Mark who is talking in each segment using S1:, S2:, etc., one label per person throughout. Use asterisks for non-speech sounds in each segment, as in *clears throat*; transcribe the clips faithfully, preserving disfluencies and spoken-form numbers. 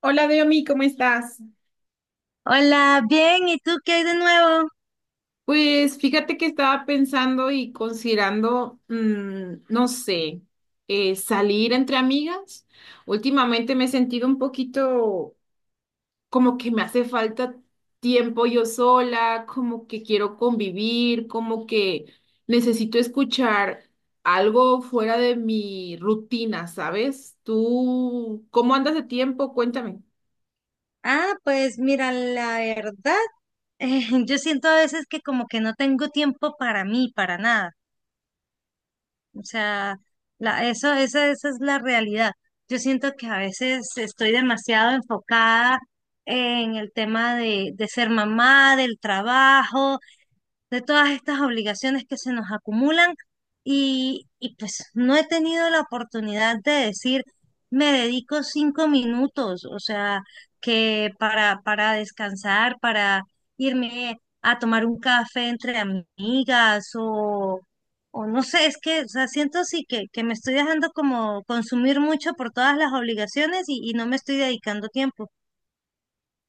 S1: Hola, Deomi, ¿cómo estás?
S2: Hola, bien, ¿y tú qué hay de nuevo?
S1: Pues fíjate que estaba pensando y considerando, mm, no sé, eh, salir entre amigas. Últimamente me he sentido un poquito como que me hace falta tiempo yo sola, como que quiero convivir, como que necesito escuchar algo fuera de mi rutina, ¿sabes? ¿Tú cómo andas de tiempo? Cuéntame.
S2: Ah, pues mira, la verdad, *laughs* eh, yo siento a veces que como que no tengo tiempo para mí, para nada. O sea, la, eso, esa, esa es la realidad. Yo siento que a veces estoy demasiado enfocada en el tema de, de ser mamá, del trabajo, de todas estas obligaciones que se nos acumulan y, y pues no he tenido la oportunidad de decir, me dedico cinco minutos, o sea, que para, para descansar, para irme a tomar un café entre amigas o, o no sé, es que, o sea, siento sí que, que me estoy dejando como consumir mucho por todas las obligaciones y, y no me estoy dedicando tiempo.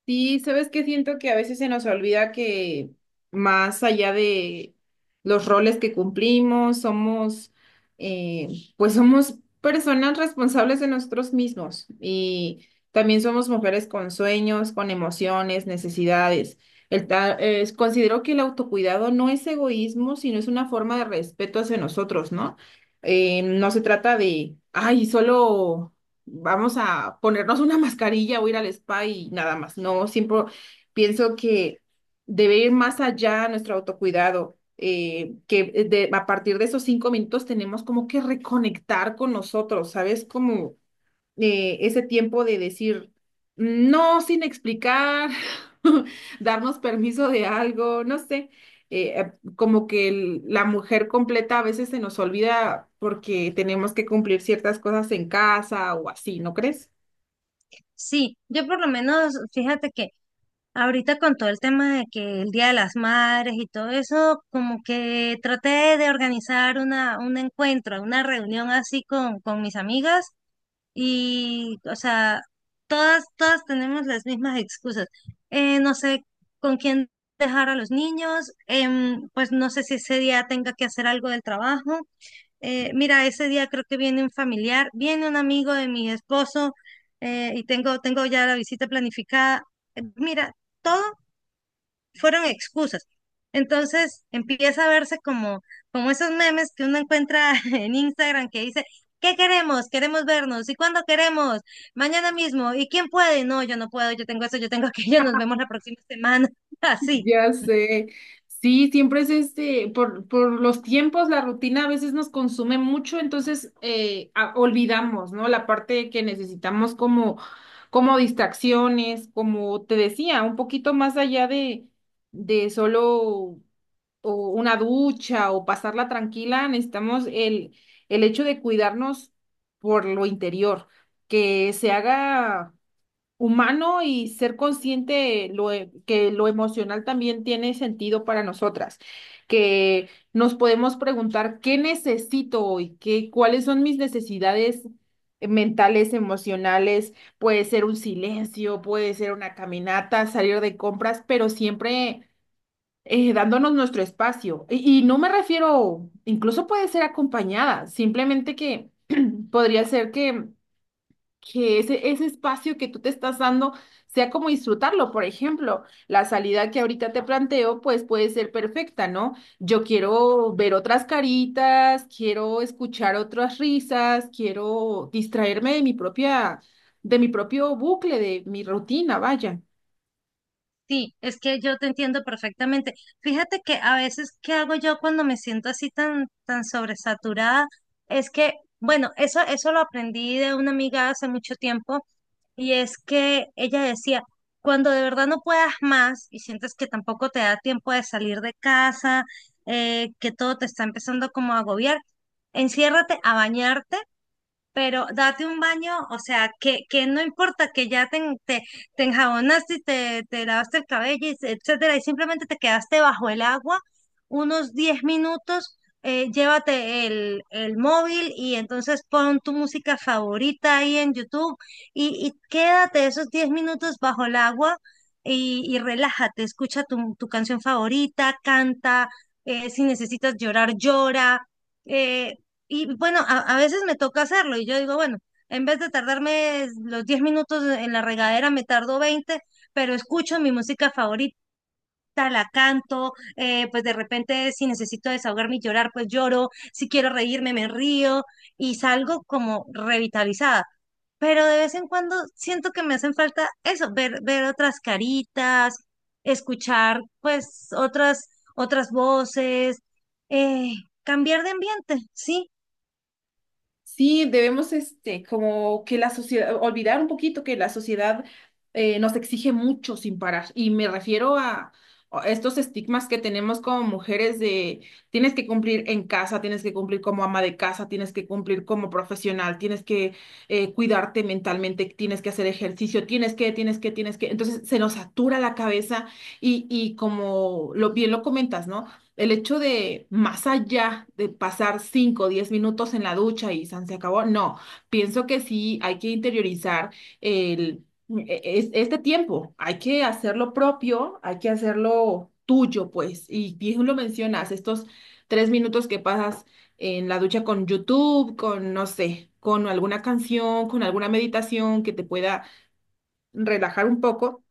S1: Sí, sabes que siento que a veces se nos olvida que más allá de los roles que cumplimos, somos, eh, pues somos personas responsables de nosotros mismos y también somos mujeres con sueños, con emociones, necesidades. El ta- es- considero que el autocuidado no es egoísmo, sino es una forma de respeto hacia nosotros, ¿no? Eh, no se trata de, ay, solo vamos a ponernos una mascarilla o ir al spa y nada más. No, siempre pienso que debe ir más allá nuestro autocuidado, eh, que de- a partir de esos cinco minutos tenemos como que reconectar con nosotros, ¿sabes? Como eh, Ese tiempo de decir no sin explicar, *laughs* darnos permiso de algo, no sé, eh, eh, como que el- la mujer completa a veces se nos olvida porque tenemos que cumplir ciertas cosas en casa o así, ¿no crees?
S2: Sí, yo por lo menos, fíjate que ahorita con todo el tema de que el Día de las Madres y todo eso, como que traté de organizar una, un encuentro, una reunión así con, con mis amigas y, o sea, todas, todas tenemos las mismas excusas. Eh, no sé con quién dejar a los niños, em, pues no sé si ese día tenga que hacer algo del trabajo. Eh, mira, ese día creo que viene un familiar, viene un amigo de mi esposo, eh, y tengo, tengo ya la visita planificada. Eh, Mira. Todo fueron excusas. Entonces empieza a verse como, como esos memes que uno encuentra *laughs* en Instagram que dice, ¿qué queremos? Queremos vernos. ¿Y cuándo queremos? Mañana mismo. ¿Y quién puede? No, yo no puedo, yo tengo eso, yo tengo *laughs* aquello, nos vemos la próxima semana. *laughs* Así,
S1: Ya sé. Sí, siempre es este, por, por los tiempos, la rutina a veces nos consume mucho, entonces eh, a- olvidamos, ¿no? La parte que necesitamos como, como distracciones, como te decía, un poquito más allá de, de solo o una ducha o pasarla tranquila, necesitamos el, el hecho de cuidarnos por lo interior, que se haga humano y ser consciente lo, e- que lo emocional también tiene sentido para nosotras, que nos podemos preguntar qué necesito hoy, qué, cuáles son mis necesidades mentales, emocionales, puede ser un silencio, puede ser una caminata, salir de compras, pero siempre eh, dándonos nuestro espacio. Y, y no me refiero, incluso puede ser acompañada, simplemente que *clears throat* podría ser que que ese, ese espacio que tú te estás dando sea como disfrutarlo. Por ejemplo, la salida que ahorita te planteo, pues puede ser perfecta, ¿no? Yo quiero ver otras caritas, quiero escuchar otras risas, quiero distraerme de mi propia, de mi propio bucle, de mi rutina, vaya.
S2: sí, es que yo te entiendo perfectamente. Fíjate que a veces, ¿qué hago yo cuando me siento así tan, tan sobresaturada? Es que, bueno, eso, eso lo aprendí de una amiga hace mucho tiempo. Y es que ella decía, cuando de verdad no puedas más y sientes que tampoco te da tiempo de salir de casa, eh, que todo te está empezando como a agobiar, enciérrate a bañarte pero date un baño, o sea, que, que no importa que ya te, te, te, enjabonaste y te, te lavaste el cabello, y se- etcétera, y simplemente te quedaste bajo el agua unos diez minutos, eh, llévate el, el móvil y entonces pon tu música favorita ahí en YouTube y, y quédate esos diez minutos bajo el agua y, y relájate, escucha tu, tu canción favorita, canta, eh, si necesitas llorar, llora. Eh, y bueno, a, a veces me toca hacerlo y yo digo, bueno, en vez de tardarme los diez minutos en la regadera, me tardo veinte pero escucho mi música favorita. La canto, eh, pues de repente si necesito desahogarme y llorar, pues lloro, si quiero reírme, me río y salgo como revitalizada. Pero de vez en cuando siento que me hacen falta eso, ver, ver otras caritas, escuchar pues otras, otras voces, eh, cambiar de ambiente, sí.
S1: Sí, debemos, este, como que la sociedad, olvidar un poquito que la sociedad eh, nos exige mucho sin parar. Y me refiero a, a estos estigmas que tenemos como mujeres de tienes que cumplir en casa, tienes que cumplir como ama de casa, tienes que cumplir como profesional, tienes que eh, cuidarte mentalmente, tienes que hacer ejercicio, tienes que, tienes que, tienes que. Entonces se nos satura la cabeza y, y como lo bien lo comentas, ¿no? El hecho de, más allá de pasar cinco o diez minutos en la ducha y san se acabó, no, pienso que sí hay que interiorizar el, e- e, es- este tiempo, hay que hacerlo propio, hay que hacerlo tuyo, pues, y bien lo mencionas, estos tres minutos que pasas en la ducha con YouTube, con, no sé, con alguna canción, con alguna meditación que te pueda relajar un poco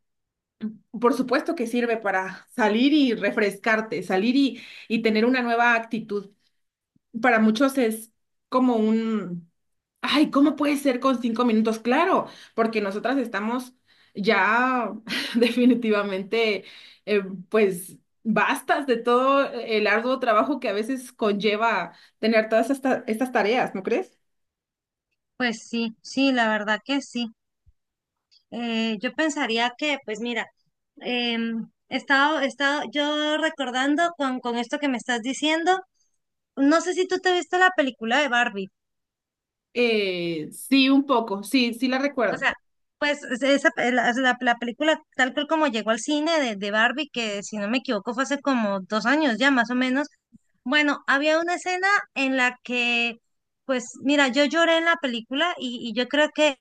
S1: por supuesto que sirve para salir y refrescarte, salir y, y tener una nueva actitud. Para muchos es como un, ay, ¿cómo puede ser con cinco minutos? Claro, porque nosotras estamos ya *laughs* definitivamente, eh, pues, bastas de todo el arduo trabajo que a veces conlleva tener todas estas, estas tareas, ¿no crees?
S2: Pues sí, sí, la verdad que sí. Eh, yo pensaría que, pues mira, em, he estado, he estado yo recordando con, con esto que me estás diciendo, no sé si tú te viste la película de Barbie,
S1: Eh, sí, un poco, sí, sí la
S2: o
S1: recuerdo.
S2: sea, pues es- esa, pe- la, la- la película tal cual como llegó al cine de, de Barbie, que si no me equivoco fue hace como dos años ya más o menos, bueno, había una escena en la que, pues mira, yo lloré en la película y, y yo creo que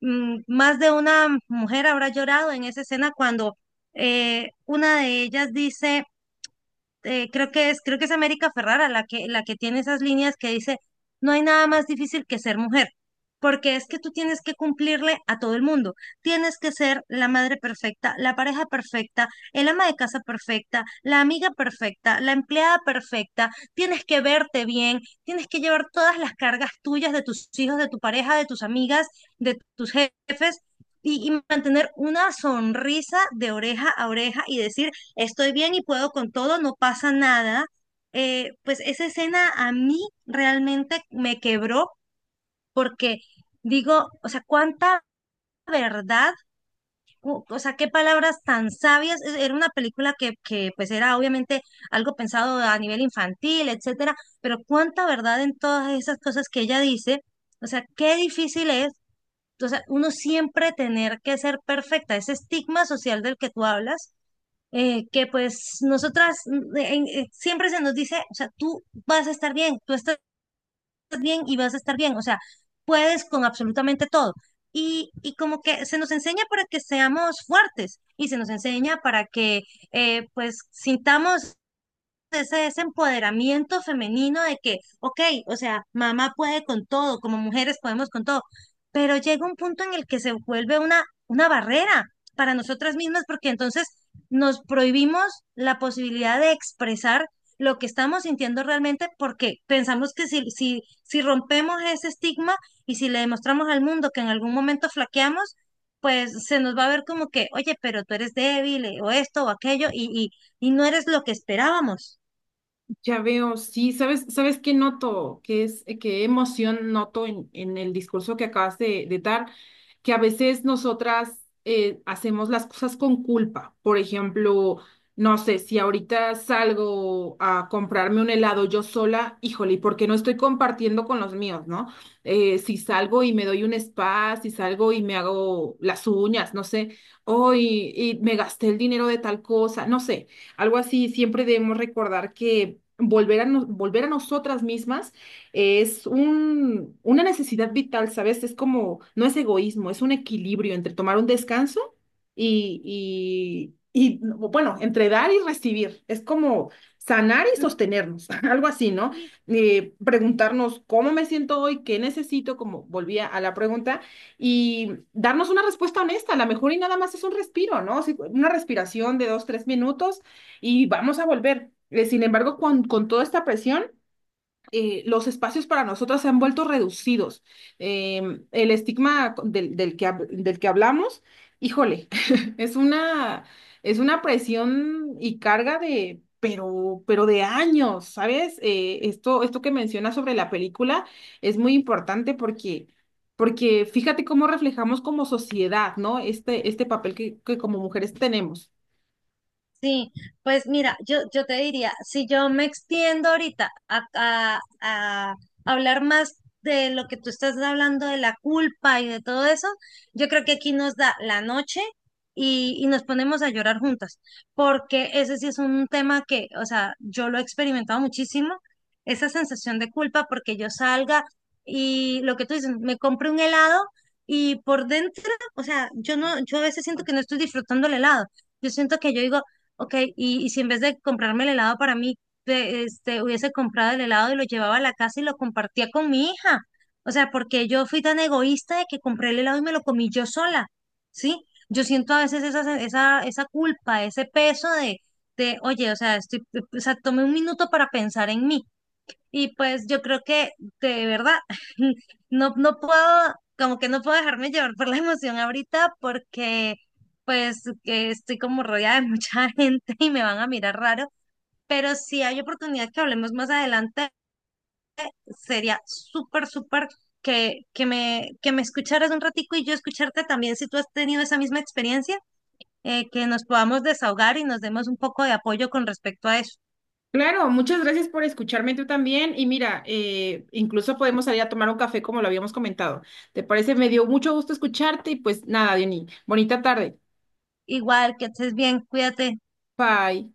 S2: mm, más de una mujer habrá llorado en esa escena cuando eh, una de ellas dice, eh, creo que es, creo que es América Ferrara la que, la que tiene esas líneas que dice, no hay nada más difícil que ser mujer, porque es que tú tienes que cumplirle a todo el mundo, tienes que ser la madre perfecta, la pareja perfecta, el ama de casa perfecta, la amiga perfecta, la empleada perfecta, tienes que verte bien, tienes que llevar todas las cargas tuyas de tus hijos, de tu pareja, de tus amigas, de tus jefes. Y, y mantener una sonrisa de oreja a oreja y decir, estoy bien y puedo con todo, no pasa nada. Eh, pues esa escena a mí realmente me quebró porque digo, o sea, cuánta verdad, o o sea, qué palabras tan sabias. Es- Era una película que, que pues era obviamente algo pensado a nivel infantil, etcétera, pero cuánta verdad en todas esas cosas que ella dice. O sea, qué difícil es. O sea, uno siempre tener que ser perfecta, ese estigma social del que tú hablas, eh, que pues nosotras mm, en- eh, siempre se nos dice, o sea, tú vas a estar bien, tú estás bien y vas a estar bien, o sea, puedes con absolutamente todo. Y, y como que se nos enseña para que seamos fuertes y se nos enseña para que eh, pues sintamos ese, ese empoderamiento femenino de que, ok, o sea, mamá puede con todo, como mujeres podemos con todo, pero llega un punto en el que se vuelve una, una barrera para nosotras mismas porque entonces nos prohibimos la posibilidad de expresar lo que estamos sintiendo realmente porque pensamos que si, si, si rompemos ese estigma y si le demostramos al mundo que en algún momento flaqueamos, pues se nos va a ver como que, oye, pero tú eres débil, eh, o esto o aquello y, y y no eres lo que esperábamos.
S1: Ya veo, sí, ¿sabes, sabes qué noto? ¿Qué es, eh, qué emoción noto en, en el discurso que acabas de, de dar? Que a veces nosotras eh, hacemos las cosas con culpa. Por ejemplo, no sé, si ahorita salgo a comprarme un helado yo sola, híjole, ¿y por qué no estoy compartiendo con los míos, no? Eh, si salgo y me doy un spa, si salgo y me hago las uñas, no sé, hoy y me gasté el dinero de tal cosa, no sé. Algo así, siempre debemos recordar que volver a, nos- volver a nosotras mismas es un, una necesidad vital, ¿sabes? Es como, no es egoísmo, es un equilibrio entre tomar un descanso y, y, y bueno, entre dar y recibir. Es como sanar y sostenernos, *laughs* algo así, ¿no?
S2: Sí,
S1: Eh, preguntarnos cómo me siento hoy, qué necesito, como volvía a la pregunta, y darnos una respuesta honesta. A lo mejor y nada más es un respiro, ¿no? Sí, una respiración de dos, tres minutos y vamos a volver. Eh, sin embargo, con, con toda esta presión, eh, los espacios para nosotras se han vuelto reducidos. Eh, el estigma del, del que, hab- del que hablamos, híjole, *laughs* es una, es una presión y carga de, pero, pero de años, ¿sabes? Eh, esto, esto que mencionas sobre la película es muy importante porque... Porque fíjate cómo reflejamos como sociedad, ¿no? Este, este papel que que como mujeres tenemos.
S2: sí, pues mira, yo, yo te diría, si yo me extiendo ahorita a, a- a hablar más de lo que tú estás hablando de la culpa y de todo eso, yo creo que aquí nos da la noche y, y nos ponemos a llorar juntas, porque ese sí es un tema que, o sea, yo lo he experimentado muchísimo, esa sensación de culpa porque yo salga y lo que tú dices, me compre un helado y por dentro, o sea, yo no, yo a veces siento que no estoy disfrutando el helado. Yo siento que yo digo, ok, y, y si en vez de comprarme el helado para mí, de- este, hubiese comprado el helado y lo llevaba a la casa y lo compartía con mi hija. O sea, porque yo fui tan egoísta de que compré el helado y me lo comí yo sola, ¿sí? Yo siento a veces esa, se- esa, esa culpa, ese peso de, de, oye, o sea, estoy, o sea, tomé un minuto para pensar en mí. Y pues yo creo que de verdad *laughs* no, no puedo, como que no puedo dejarme llevar por la emoción ahorita porque pues que estoy como rodeada de mucha *laughs* gente y me van a mirar raro, pero si hay oportunidad que hablemos más adelante, sería súper, súper que, que me, que me escucharas un ratico y yo escucharte también si tú has tenido esa misma experiencia, eh, que nos podamos desahogar y nos demos un poco de apoyo con respecto a eso.
S1: Claro, muchas gracias por escucharme tú también. Y mira, eh, incluso podemos salir a tomar un café como lo habíamos comentado. ¿Te parece? Me dio mucho gusto escucharte y pues nada, Diony, bonita tarde.
S2: Igual, que estés bien, cuídate.
S1: Bye.